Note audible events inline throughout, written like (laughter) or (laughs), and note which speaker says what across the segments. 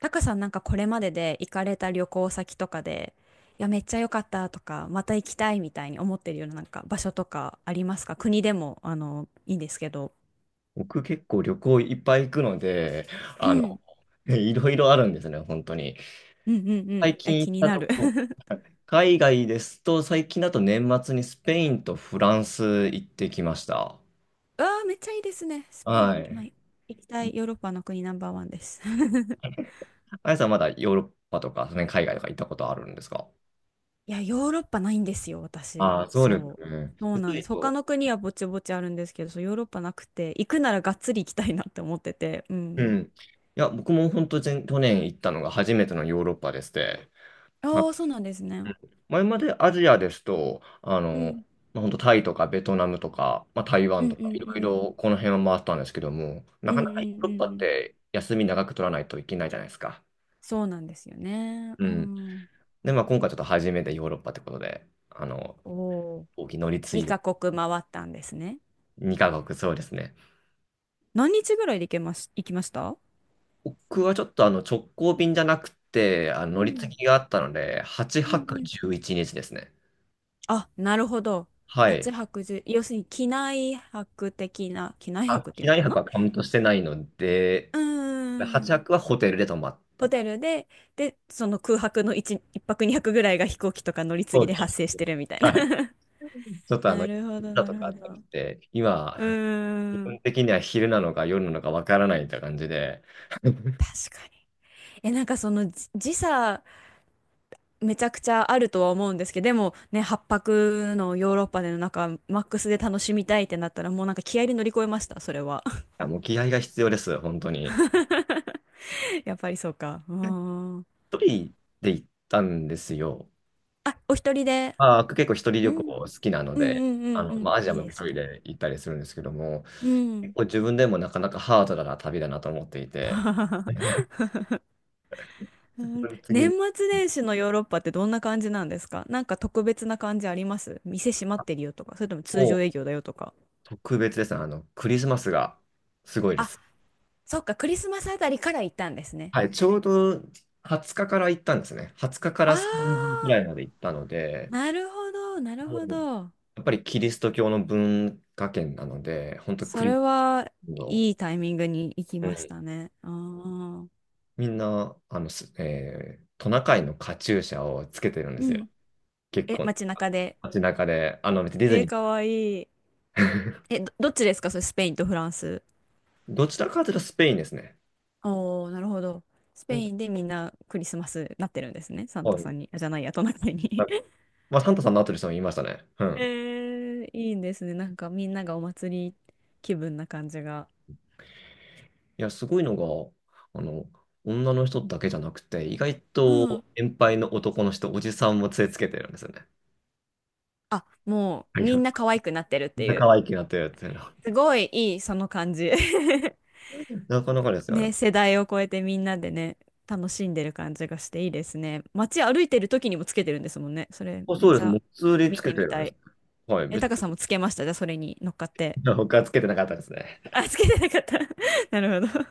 Speaker 1: タカさん、なんかこれまでで行かれた旅行先とかで、いや、めっちゃ良かったとか、また行きたいみたいに思ってるような、なんか場所とかありますか？国でも、いいんですけど。
Speaker 2: 僕結構旅行いっぱい行くので、
Speaker 1: う
Speaker 2: あの、
Speaker 1: ん。
Speaker 2: (laughs) いろいろあるんですね、本当に。
Speaker 1: うんうんうん。
Speaker 2: 最
Speaker 1: (laughs) え、
Speaker 2: 近行
Speaker 1: 気
Speaker 2: っ
Speaker 1: に
Speaker 2: た
Speaker 1: な
Speaker 2: と
Speaker 1: る。
Speaker 2: こ、
Speaker 1: (laughs)
Speaker 2: 海外ですと、最近だと年末にスペインとフランス行ってきました。
Speaker 1: うわあ、めっちゃいいですね。スペイン、
Speaker 2: は
Speaker 1: 今
Speaker 2: い。
Speaker 1: 行きたいヨーロッパの国ナンバーワンです。(laughs)
Speaker 2: あやさんまだヨーロッパとか、その辺海外とか行ったことあるんですか？
Speaker 1: いや、ヨーロッパないんですよ、私。
Speaker 2: ああ、そうです
Speaker 1: そう。
Speaker 2: ね。
Speaker 1: そう
Speaker 2: でそ
Speaker 1: なん
Speaker 2: い
Speaker 1: で
Speaker 2: う
Speaker 1: す。他
Speaker 2: と、
Speaker 1: の国はぼちぼちあるんですけど、そう、ヨーロッパなくて、行くならがっつり行きたいなって思ってて。う
Speaker 2: う
Speaker 1: ん。
Speaker 2: ん。いや、僕も本当、前去年行ったのが初めてのヨーロッパでして、
Speaker 1: ああ、そうなんですね。
Speaker 2: うん。前までアジアですと、
Speaker 1: うん
Speaker 2: まあ、本当タイとかベトナムとか、まあ、台
Speaker 1: う
Speaker 2: 湾
Speaker 1: ん
Speaker 2: と
Speaker 1: う
Speaker 2: か、
Speaker 1: ん
Speaker 2: いろい
Speaker 1: うん
Speaker 2: ろこの辺は回ったんですけども、な
Speaker 1: うん
Speaker 2: か
Speaker 1: うん
Speaker 2: なかヨー
Speaker 1: う
Speaker 2: ロッパ
Speaker 1: んう
Speaker 2: っ
Speaker 1: ん。
Speaker 2: て休み長く取らないといけないじゃないですか。
Speaker 1: そうなんですよね。
Speaker 2: う
Speaker 1: う
Speaker 2: ん。
Speaker 1: ん。
Speaker 2: で、まあ、今回ちょっと初めてヨーロッパってことで、
Speaker 1: おお、
Speaker 2: 大きい乗り継いで
Speaker 1: 2カ国回ったんですね。
Speaker 2: 2カ国、そうですね。
Speaker 1: 何日ぐらいで行きました？
Speaker 2: 僕はちょっとあの直行便じゃなくて、あの
Speaker 1: う
Speaker 2: 乗り継
Speaker 1: ん
Speaker 2: ぎがあったので、8
Speaker 1: うん
Speaker 2: 泊
Speaker 1: うん。
Speaker 2: 11日ですね。
Speaker 1: あ、なるほど。
Speaker 2: は
Speaker 1: 8
Speaker 2: い。
Speaker 1: 泊1要するに機内泊的な、機内
Speaker 2: あ、
Speaker 1: 泊って
Speaker 2: 機
Speaker 1: いうの
Speaker 2: 内
Speaker 1: か
Speaker 2: 泊
Speaker 1: な？
Speaker 2: はカウントしてないので、
Speaker 1: うー
Speaker 2: 8泊
Speaker 1: ん。
Speaker 2: はくはホテルで泊まっ
Speaker 1: ホ
Speaker 2: た。
Speaker 1: テルで、その空白の1、1泊2泊ぐらいが飛行機とか乗り継
Speaker 2: そ
Speaker 1: ぎ
Speaker 2: う
Speaker 1: で
Speaker 2: です
Speaker 1: 発生し
Speaker 2: ね。
Speaker 1: てるみたい
Speaker 2: はい。
Speaker 1: な。
Speaker 2: ちょっ
Speaker 1: (laughs)
Speaker 2: とあの、
Speaker 1: なるほど、
Speaker 2: だ
Speaker 1: な
Speaker 2: と
Speaker 1: る
Speaker 2: かあ
Speaker 1: ほ
Speaker 2: ったりし
Speaker 1: ど。
Speaker 2: て、今、
Speaker 1: う
Speaker 2: 自
Speaker 1: ーん。
Speaker 2: 分的には昼なのか夜なのかわからないって感じで、
Speaker 1: 確かに。え、なんかその時差めちゃくちゃあるとは思うんですけど、でもね、8泊のヨーロッパでのなんか、マックスで楽しみたいってなったら、もうなんか気合で乗り越えました、それは。(laughs)
Speaker 2: あ、もう気合が必要です、本当に。
Speaker 1: やっぱりそうか。うーん。
Speaker 2: 一人で行ったんですよ。
Speaker 1: あ、お一人で。
Speaker 2: まあ、結構一人
Speaker 1: う
Speaker 2: 旅行
Speaker 1: ん。
Speaker 2: 好きなの
Speaker 1: うん
Speaker 2: で、
Speaker 1: うんうんう
Speaker 2: ま
Speaker 1: ん。
Speaker 2: あ、アジア
Speaker 1: いい
Speaker 2: も
Speaker 1: で
Speaker 2: 一
Speaker 1: す
Speaker 2: 人
Speaker 1: ね。
Speaker 2: で行ったりするんですけども、
Speaker 1: う
Speaker 2: 結
Speaker 1: ん。
Speaker 2: 構自分でもなかなかハードな旅だなと思っていて、
Speaker 1: (laughs)
Speaker 2: (laughs) 本当
Speaker 1: 年
Speaker 2: に次
Speaker 1: 末年始のヨーロッパってどんな感じなんですか？なんか特別な感じあります？店閉まってるよとか、それとも通
Speaker 2: も
Speaker 1: 常営業だよとか。
Speaker 2: 特別ですね。クリスマスがすごいで
Speaker 1: あ、
Speaker 2: す。
Speaker 1: そっか、クリスマスあたりから行ったんですね。
Speaker 2: はい、ちょうど20日かから行ったんですね。20日かから30
Speaker 1: あ
Speaker 2: 日ぐらいまで行ったの
Speaker 1: ー、
Speaker 2: で、
Speaker 1: なるほど、なる
Speaker 2: も
Speaker 1: ほ
Speaker 2: う
Speaker 1: ど。
Speaker 2: やっぱりキリスト教の文化圏なので、本当
Speaker 1: そ
Speaker 2: クリス
Speaker 1: れ
Speaker 2: チ
Speaker 1: は
Speaker 2: ャンの、
Speaker 1: いいタイミングに行き
Speaker 2: う
Speaker 1: まし
Speaker 2: ん、
Speaker 1: たね。ああ。
Speaker 2: みんな、あの、すえートナカイのカチューシャをつけてるんで
Speaker 1: う
Speaker 2: すよ。
Speaker 1: ん。
Speaker 2: 結
Speaker 1: え、
Speaker 2: 構、
Speaker 1: 街中で。
Speaker 2: 街中で、別にディズ
Speaker 1: えー、
Speaker 2: ニー。
Speaker 1: かわいい。え、
Speaker 2: (laughs)
Speaker 1: どっちですか？それスペインとフランス。
Speaker 2: どちらかというとスペインですね。
Speaker 1: おお、なるほど。ス
Speaker 2: う
Speaker 1: ペイ
Speaker 2: ん、
Speaker 1: ンでみんなクリスマスなってるんですね。サン
Speaker 2: は
Speaker 1: タさ
Speaker 2: い。
Speaker 1: んに、あ、じゃないや、トナカイに。(laughs)
Speaker 2: まあ、サンタさんの後でも言いましたね。う
Speaker 1: え
Speaker 2: ん。
Speaker 1: ー、いいですね。なんかみんながお祭り気分な感じが。
Speaker 2: いや、すごいのが、あの、女の人だけじゃなくて、意外
Speaker 1: う
Speaker 2: と
Speaker 1: ん。
Speaker 2: 年配の男の人、おじさんも杖つけてるんですよね。
Speaker 1: あ、もう
Speaker 2: いや、
Speaker 1: みんな可愛くなってるっ
Speaker 2: みん
Speaker 1: て
Speaker 2: な
Speaker 1: い
Speaker 2: 可
Speaker 1: う。
Speaker 2: 愛くなってるっていうのは。
Speaker 1: すごいいい、その感じ。(laughs)
Speaker 2: なかなかですよね。
Speaker 1: ね、世代を超えてみんなでね、楽しんでる感じがしていいですね。街歩いてる時にもつけてるんですもんね。それ
Speaker 2: あ、
Speaker 1: めっ
Speaker 2: そうで
Speaker 1: ち
Speaker 2: す。も
Speaker 1: ゃ
Speaker 2: う普通につ
Speaker 1: 見
Speaker 2: け
Speaker 1: て
Speaker 2: て
Speaker 1: み
Speaker 2: るん
Speaker 1: た
Speaker 2: です。
Speaker 1: い。
Speaker 2: はい。
Speaker 1: え、
Speaker 2: 別
Speaker 1: タカさんもつけました？じゃあそれに乗っかって。
Speaker 2: に他はつけてなかったですね。
Speaker 1: あ、つけてなかった。(laughs) なるほど。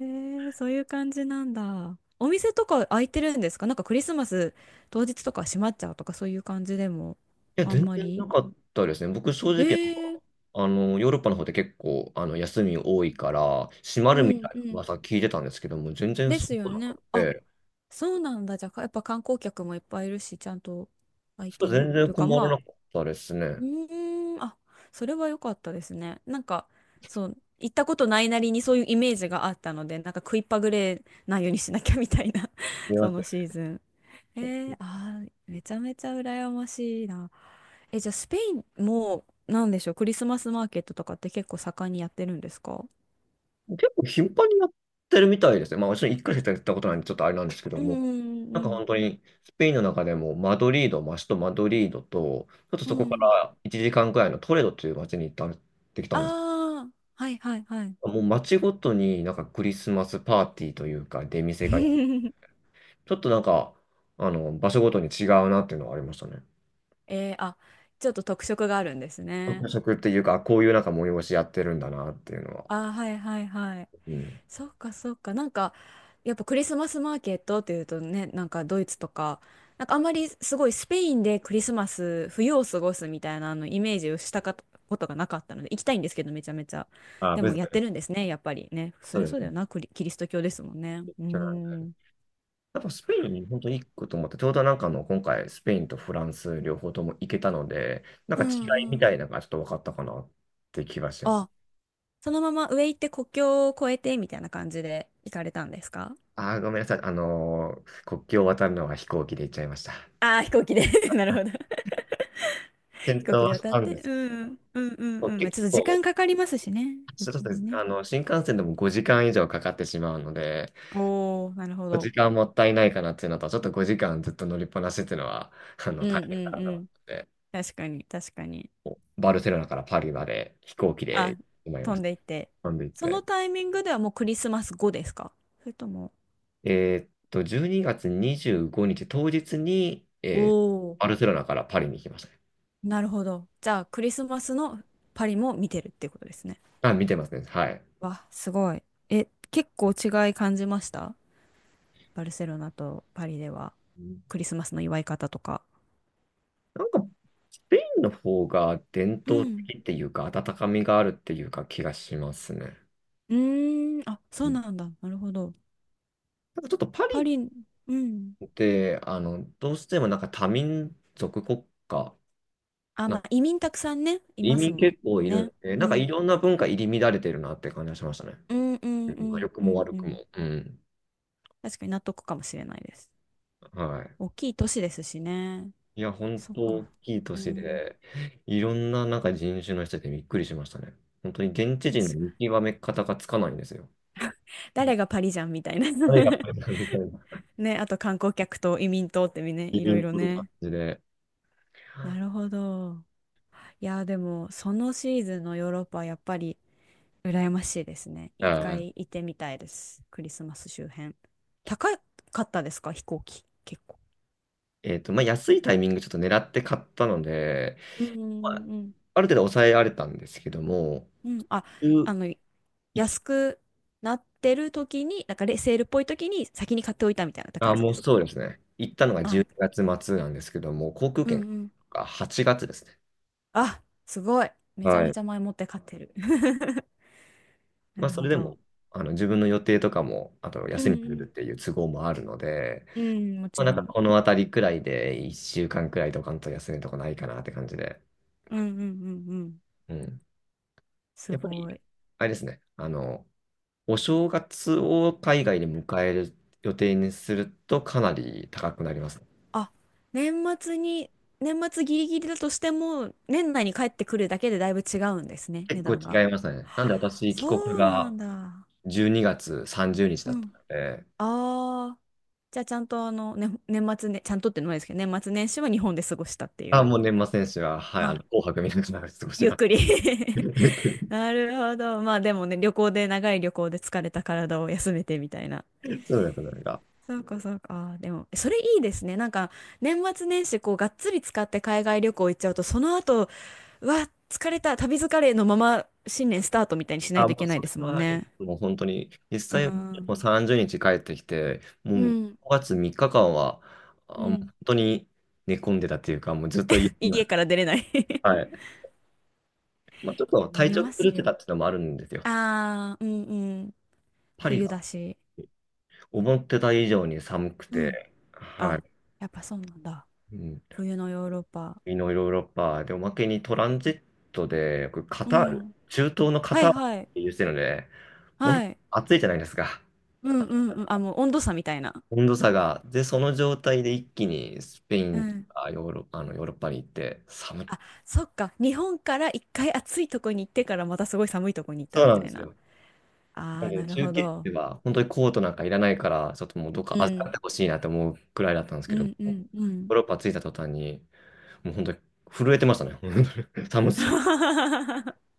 Speaker 1: へえ、そういう感じなんだ。お店とか開いてるんですか？なんかクリスマス当日とか閉まっちゃうとか、そういう感じでも？
Speaker 2: いや、
Speaker 1: あん
Speaker 2: 全
Speaker 1: ま
Speaker 2: 然な
Speaker 1: り。
Speaker 2: かったですね。僕、正
Speaker 1: え
Speaker 2: 直、
Speaker 1: ー、
Speaker 2: ヨーロッパの方で結構、休み多いから、閉ま
Speaker 1: う
Speaker 2: るみた
Speaker 1: ん
Speaker 2: い
Speaker 1: う
Speaker 2: な
Speaker 1: ん。
Speaker 2: 噂聞いてたんですけども、全然
Speaker 1: で
Speaker 2: そ
Speaker 1: すよ
Speaker 2: うな
Speaker 1: ね。
Speaker 2: く
Speaker 1: あ、
Speaker 2: て、
Speaker 1: そうなんだ。じゃあ、やっぱ観光客もいっぱいいるし、ちゃんと空い
Speaker 2: そう
Speaker 1: てる
Speaker 2: 全然
Speaker 1: というか、
Speaker 2: 困
Speaker 1: ま
Speaker 2: ら
Speaker 1: あ、
Speaker 2: なかったです
Speaker 1: う
Speaker 2: ね。
Speaker 1: ーん、あ、それは良かったですね。なんか、そう、行ったことないなりにそういうイメージがあったので、なんか食いっぱぐれないようにしなきゃみたいな、 (laughs)
Speaker 2: いや
Speaker 1: そのシーズン。えー、あー、めちゃめちゃ羨ましいな。え、じゃあ、スペインも、なんでしょう、クリスマスマーケットとかって結構盛んにやってるんですか？
Speaker 2: 結構頻繁にやってるみたいですね。まあ、もちろん回しかやったことないんで、ちょっとあれなんですけど
Speaker 1: うんう
Speaker 2: も、
Speaker 1: ん
Speaker 2: なんか
Speaker 1: うん
Speaker 2: 本当に、スペインの中でもマドリード、マストマドリードと、ちょっと
Speaker 1: うん。
Speaker 2: そこ
Speaker 1: う
Speaker 2: か
Speaker 1: ん。
Speaker 2: ら1時間くらいのトレドという街に行ってきた
Speaker 1: あ
Speaker 2: んです。
Speaker 1: あ、はいはいはい。
Speaker 2: もう街ごとになんかクリスマスパーティーというか、出店が、
Speaker 1: (laughs)
Speaker 2: ちょっとなんか、場所ごとに違うなっていうのはありましたね。
Speaker 1: えー、あ、ちょっと特色があるんですね。
Speaker 2: 特色っていうか、こういうなんか催しやってるんだなっていうのは。
Speaker 1: あー、はいはいはい。
Speaker 2: うん。
Speaker 1: そっかそっか。なんか、やっぱクリスマスマーケットっていうとね、なんかドイツとか、なんかあんまりすごいスペインでクリスマス、冬を過ごすみたいな、あのイメージをしたかことがなかったので、行きたいんですけど、めちゃめちゃ。
Speaker 2: あ、
Speaker 1: で
Speaker 2: 別
Speaker 1: もやっ
Speaker 2: に、
Speaker 1: てるんですね、やっぱりね。そ
Speaker 2: そ
Speaker 1: りゃ
Speaker 2: うで
Speaker 1: そう
Speaker 2: す
Speaker 1: だよ
Speaker 2: ね。
Speaker 1: な、キリスト教ですもんね。うーん。
Speaker 2: やっぱスペイン、本当に行くと思って、ちょうどなんか今回、スペインとフランス両方とも行けたので、なん
Speaker 1: う
Speaker 2: か違い
Speaker 1: ん
Speaker 2: み
Speaker 1: う
Speaker 2: た
Speaker 1: ん。
Speaker 2: いなのがちょっと分かったかなって気がしてます。
Speaker 1: あ、そのまま上行って国境を越えてみたいな感じで行かれたんですか？
Speaker 2: ああ、ごめんなさい。国境を渡るのは飛行機で行っちゃいました。
Speaker 1: ああー、飛行機で。 (laughs) なるほど。
Speaker 2: 検
Speaker 1: 飛行機
Speaker 2: 討
Speaker 1: で
Speaker 2: はし
Speaker 1: 渡っ
Speaker 2: たんで
Speaker 1: て、
Speaker 2: す。
Speaker 1: うん、うん、うん、うん。まあ、
Speaker 2: 結
Speaker 1: ちょっと時
Speaker 2: 構、
Speaker 1: 間かかりますしね。
Speaker 2: そ
Speaker 1: 余
Speaker 2: う
Speaker 1: 計
Speaker 2: で
Speaker 1: に
Speaker 2: す。
Speaker 1: ね。
Speaker 2: 新幹線でも5時間以上かかってしまうので、
Speaker 1: おお、なるほ
Speaker 2: 5
Speaker 1: ど。
Speaker 2: 時間もったいないかなっていうのと、ちょっと5時間ずっと乗りっぱなしっていうのは、
Speaker 1: うん
Speaker 2: 大
Speaker 1: うん
Speaker 2: 変かなと
Speaker 1: う
Speaker 2: 思っ
Speaker 1: ん。
Speaker 2: て、
Speaker 1: 確かに、確かに。
Speaker 2: バルセロナからパリまで飛行機で
Speaker 1: あ、
Speaker 2: 行ってまいりま
Speaker 1: 飛
Speaker 2: し
Speaker 1: ん
Speaker 2: た。
Speaker 1: でいって。
Speaker 2: 飛んで行っ
Speaker 1: そ
Speaker 2: て。
Speaker 1: のタイミングではもうクリスマス後ですか？それとも。
Speaker 2: 12月25日当日に、
Speaker 1: おお、
Speaker 2: バルセロナからパリに行きましたね。
Speaker 1: なるほど。じゃあ、クリスマスのパリも見てるっていうことですね。
Speaker 2: あ、見てますね。はい。
Speaker 1: わ、すごい。え、結構違い感じました？バルセロナとパリでは
Speaker 2: うん。
Speaker 1: クリスマスの祝い方とか。
Speaker 2: なんか、スペインの方が伝
Speaker 1: う
Speaker 2: 統
Speaker 1: ん。
Speaker 2: 的っていうか、温かみがあるっていうか気がしますね。
Speaker 1: うーん、あ、そ
Speaker 2: う
Speaker 1: う
Speaker 2: ん。
Speaker 1: なんだ。なるほど。
Speaker 2: なんかちょっとパ
Speaker 1: パ
Speaker 2: リ
Speaker 1: リ、うん。
Speaker 2: って、どうしてもなんか多民族国家、
Speaker 1: あ、
Speaker 2: なん
Speaker 1: まあ、
Speaker 2: か
Speaker 1: 移民たくさんね、い
Speaker 2: 移
Speaker 1: ます
Speaker 2: 民
Speaker 1: もん
Speaker 2: 結構い
Speaker 1: ね。
Speaker 2: るんで、
Speaker 1: う
Speaker 2: なんかい
Speaker 1: ん。
Speaker 2: ろんな文化入り乱れてるなって感じがしましたね。
Speaker 1: うんうん
Speaker 2: う
Speaker 1: う
Speaker 2: ん、
Speaker 1: ん
Speaker 2: 良く
Speaker 1: う
Speaker 2: も
Speaker 1: ん
Speaker 2: 悪
Speaker 1: う
Speaker 2: く
Speaker 1: ん。
Speaker 2: も。うん。
Speaker 1: 確かに納得かもしれないです。
Speaker 2: はい。
Speaker 1: 大きい都市ですしね。
Speaker 2: いや、本
Speaker 1: そっ
Speaker 2: 当大
Speaker 1: か。
Speaker 2: きい都
Speaker 1: う
Speaker 2: 市
Speaker 1: ん。
Speaker 2: で、いろんななんか人種の人でびっくりしましたね。本当に現地
Speaker 1: 確
Speaker 2: 人の
Speaker 1: か
Speaker 2: 見
Speaker 1: に。
Speaker 2: 極め方がつかないんですよ。
Speaker 1: 誰がパリじゃんみたいな。
Speaker 2: 誰がこ
Speaker 1: (laughs)
Speaker 2: れだ (laughs) みたいな、
Speaker 1: ね、あと観光客と移民とってみね、
Speaker 2: 移
Speaker 1: いろい
Speaker 2: 民
Speaker 1: ろ
Speaker 2: という感
Speaker 1: ね。
Speaker 2: じで。
Speaker 1: なるほど。いや、でも、そのシーズンのヨーロッパはやっぱり羨ましいですね。
Speaker 2: あ
Speaker 1: 一回
Speaker 2: ー
Speaker 1: 行ってみたいです。クリスマス周辺。高かったですか？飛行機。結構。
Speaker 2: まあ、安いタイミングちょっと狙って買ったので、
Speaker 1: うんう
Speaker 2: まあ、
Speaker 1: んうん。
Speaker 2: ある程度抑えられたんですけども、
Speaker 1: うん。あ、
Speaker 2: 11、
Speaker 1: あの、安くなってる時に、なんかレセールっぽい時に先に買っておいたみたいな
Speaker 2: あ、
Speaker 1: 感じ
Speaker 2: も
Speaker 1: で
Speaker 2: う
Speaker 1: すか？
Speaker 2: そうですね。行ったのが
Speaker 1: あ、
Speaker 2: 12月末なんですけども、航空
Speaker 1: うんう
Speaker 2: 券
Speaker 1: ん。
Speaker 2: が8月ですね。
Speaker 1: あ、すごい。めちゃ
Speaker 2: は
Speaker 1: め
Speaker 2: い。
Speaker 1: ちゃ前もって買ってる。(laughs) な
Speaker 2: まあ、
Speaker 1: る
Speaker 2: そ
Speaker 1: ほ
Speaker 2: れで
Speaker 1: ど。
Speaker 2: も、自分の予定とかも、あと
Speaker 1: うん
Speaker 2: 休み取
Speaker 1: う
Speaker 2: れる
Speaker 1: ん。
Speaker 2: っていう都合もあるので、
Speaker 1: うん、も
Speaker 2: ま
Speaker 1: ち
Speaker 2: あ、なん
Speaker 1: ろ
Speaker 2: か
Speaker 1: ん。
Speaker 2: このあたりくらいで、1週間くらいとかんと休みとかないかなって感じで。
Speaker 1: うんうんうんうん。
Speaker 2: うん。
Speaker 1: す
Speaker 2: やっぱり、
Speaker 1: ごい。
Speaker 2: あれですね、お正月を海外で迎える予定にするとかなり高くなりますね。
Speaker 1: あ、年末に、年末ギリギリだとしても、年内に帰ってくるだけでだいぶ違うんですね、
Speaker 2: 結
Speaker 1: 値
Speaker 2: 構
Speaker 1: 段が。
Speaker 2: 違いますね。なんで私、帰国
Speaker 1: そうな
Speaker 2: が
Speaker 1: んだ。
Speaker 2: 12月30日だ
Speaker 1: う
Speaker 2: っ
Speaker 1: ん。
Speaker 2: たので、
Speaker 1: ああ。じゃあちゃんとね、年末ね、ちゃんとってのもないですけど、年末年始は日本で過ごしたってい
Speaker 2: あ、
Speaker 1: う。
Speaker 2: もう年末年始は、はい、
Speaker 1: あ、
Speaker 2: 紅白見ながら過ごし
Speaker 1: ゆっ
Speaker 2: ます。
Speaker 1: くり。 (laughs)
Speaker 2: (laughs)
Speaker 1: なるほど。まあでもね、旅行で、長い旅行で疲れた体を休めてみたいな。
Speaker 2: そうですね。
Speaker 1: そうかそうか。あーでも、それいいですね。なんか、年末年始、こう、がっつり使って海外旅行行っちゃうと、その後、うわ、疲れた、旅疲れのまま新年スタートみたいにしない
Speaker 2: あ、
Speaker 1: と
Speaker 2: も
Speaker 1: い
Speaker 2: う
Speaker 1: けない
Speaker 2: そ
Speaker 1: で
Speaker 2: れ
Speaker 1: すもん
Speaker 2: はありま
Speaker 1: ね。
Speaker 2: す。もう本当に、実
Speaker 1: う
Speaker 2: 際、も
Speaker 1: ん。
Speaker 2: う30日帰ってきて、
Speaker 1: う
Speaker 2: もう
Speaker 1: ん、
Speaker 2: 5月3日間は、
Speaker 1: う
Speaker 2: あ、もう
Speaker 1: ん。
Speaker 2: 本当に寝込んでたっていうか、もうずっと家には、
Speaker 1: 家から出れない。 (laughs) い
Speaker 2: はい。まあ、ちょっ
Speaker 1: や、
Speaker 2: と
Speaker 1: な
Speaker 2: 体
Speaker 1: り
Speaker 2: 調
Speaker 1: ま
Speaker 2: 崩
Speaker 1: す
Speaker 2: してた
Speaker 1: よ。
Speaker 2: っていうのもあるんですよ。
Speaker 1: ああ、うんうん。
Speaker 2: パリ
Speaker 1: 冬
Speaker 2: が
Speaker 1: だし。
Speaker 2: 思ってた以上に寒く
Speaker 1: うん。
Speaker 2: て、は
Speaker 1: あ、
Speaker 2: い。
Speaker 1: やっぱそうなんだ。
Speaker 2: うん、
Speaker 1: 冬のヨーロッパ。
Speaker 2: 南のヨーロッパで、おまけにトランジットで、僕カ
Speaker 1: う
Speaker 2: タール、
Speaker 1: ん。
Speaker 2: 中東のカ
Speaker 1: はい
Speaker 2: タールっ
Speaker 1: はい。
Speaker 2: ていうしてるので、ものす
Speaker 1: はい。
Speaker 2: ごく暑いじゃないですか。
Speaker 1: うんうんうん。あ、もう温度差みたいな。
Speaker 2: 温度差が。で、その状態で一気にスペイ
Speaker 1: う
Speaker 2: ンと
Speaker 1: ん。
Speaker 2: かヨーロ、あのヨーロッパに行って寒い。
Speaker 1: あ、そっか。日本から一回暑いとこに行ってからまたすごい寒いとこに行った
Speaker 2: そう
Speaker 1: み
Speaker 2: なん
Speaker 1: た
Speaker 2: で
Speaker 1: い
Speaker 2: す
Speaker 1: な。
Speaker 2: よ。
Speaker 1: あ
Speaker 2: なん
Speaker 1: あ、
Speaker 2: で、
Speaker 1: なる
Speaker 2: 中
Speaker 1: ほ
Speaker 2: 継
Speaker 1: ど。
Speaker 2: では本当にコートなんかいらないから、ちょっともうどっ
Speaker 1: う
Speaker 2: か預かっ
Speaker 1: ん。
Speaker 2: てほしいなって思うくらいだったんです
Speaker 1: う
Speaker 2: けども、
Speaker 1: んう
Speaker 2: ヨ
Speaker 1: んう
Speaker 2: ー
Speaker 1: ん。
Speaker 2: ロッパ着いた途端に、もう本当に震えてましたね。(laughs) 本当に寒すぎて。
Speaker 1: (laughs)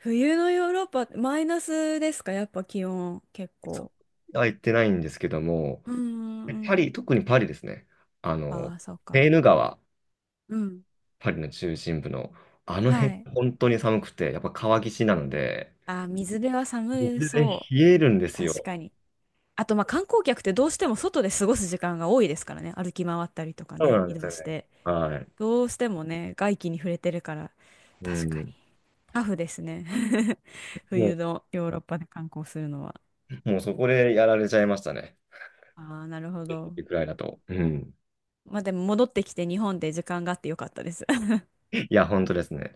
Speaker 1: 冬のヨーロッパ、マイナスですか？やっぱ気温、結
Speaker 2: そ
Speaker 1: 構。
Speaker 2: うは行ってないんですけども、
Speaker 1: うんうんう
Speaker 2: パ
Speaker 1: ん。
Speaker 2: リ、特にパリですね。あの、
Speaker 1: ああ、そうか。
Speaker 2: セーヌ川、
Speaker 1: うん。
Speaker 2: パリの中心部の、あの
Speaker 1: は
Speaker 2: 辺、
Speaker 1: い。
Speaker 2: 本当に寒くて、やっぱ川岸なので、
Speaker 1: あー、水辺は寒
Speaker 2: 水で
Speaker 1: そ
Speaker 2: 冷えるんで
Speaker 1: う。
Speaker 2: す
Speaker 1: 確
Speaker 2: よ。
Speaker 1: かに。あと、まあ、観光客ってどうしても外で過ごす時間が多いですからね。歩き回ったりとか
Speaker 2: そう
Speaker 1: ね、
Speaker 2: なん
Speaker 1: 移
Speaker 2: です
Speaker 1: 動
Speaker 2: よ
Speaker 1: し
Speaker 2: ね。
Speaker 1: て。
Speaker 2: はい。
Speaker 1: どうしてもね、外気に触れてるから、
Speaker 2: う
Speaker 1: 確かに。
Speaker 2: ん。
Speaker 1: タフですね。(laughs)
Speaker 2: も
Speaker 1: 冬のヨーロッパで観光するのは。
Speaker 2: う、もうそこでやられちゃいましたね。
Speaker 1: ああ、なるほど。
Speaker 2: いくらいだと。うん。
Speaker 1: まあ、でも戻ってきて日本で時間があってよかったです。
Speaker 2: いや、本当ですね。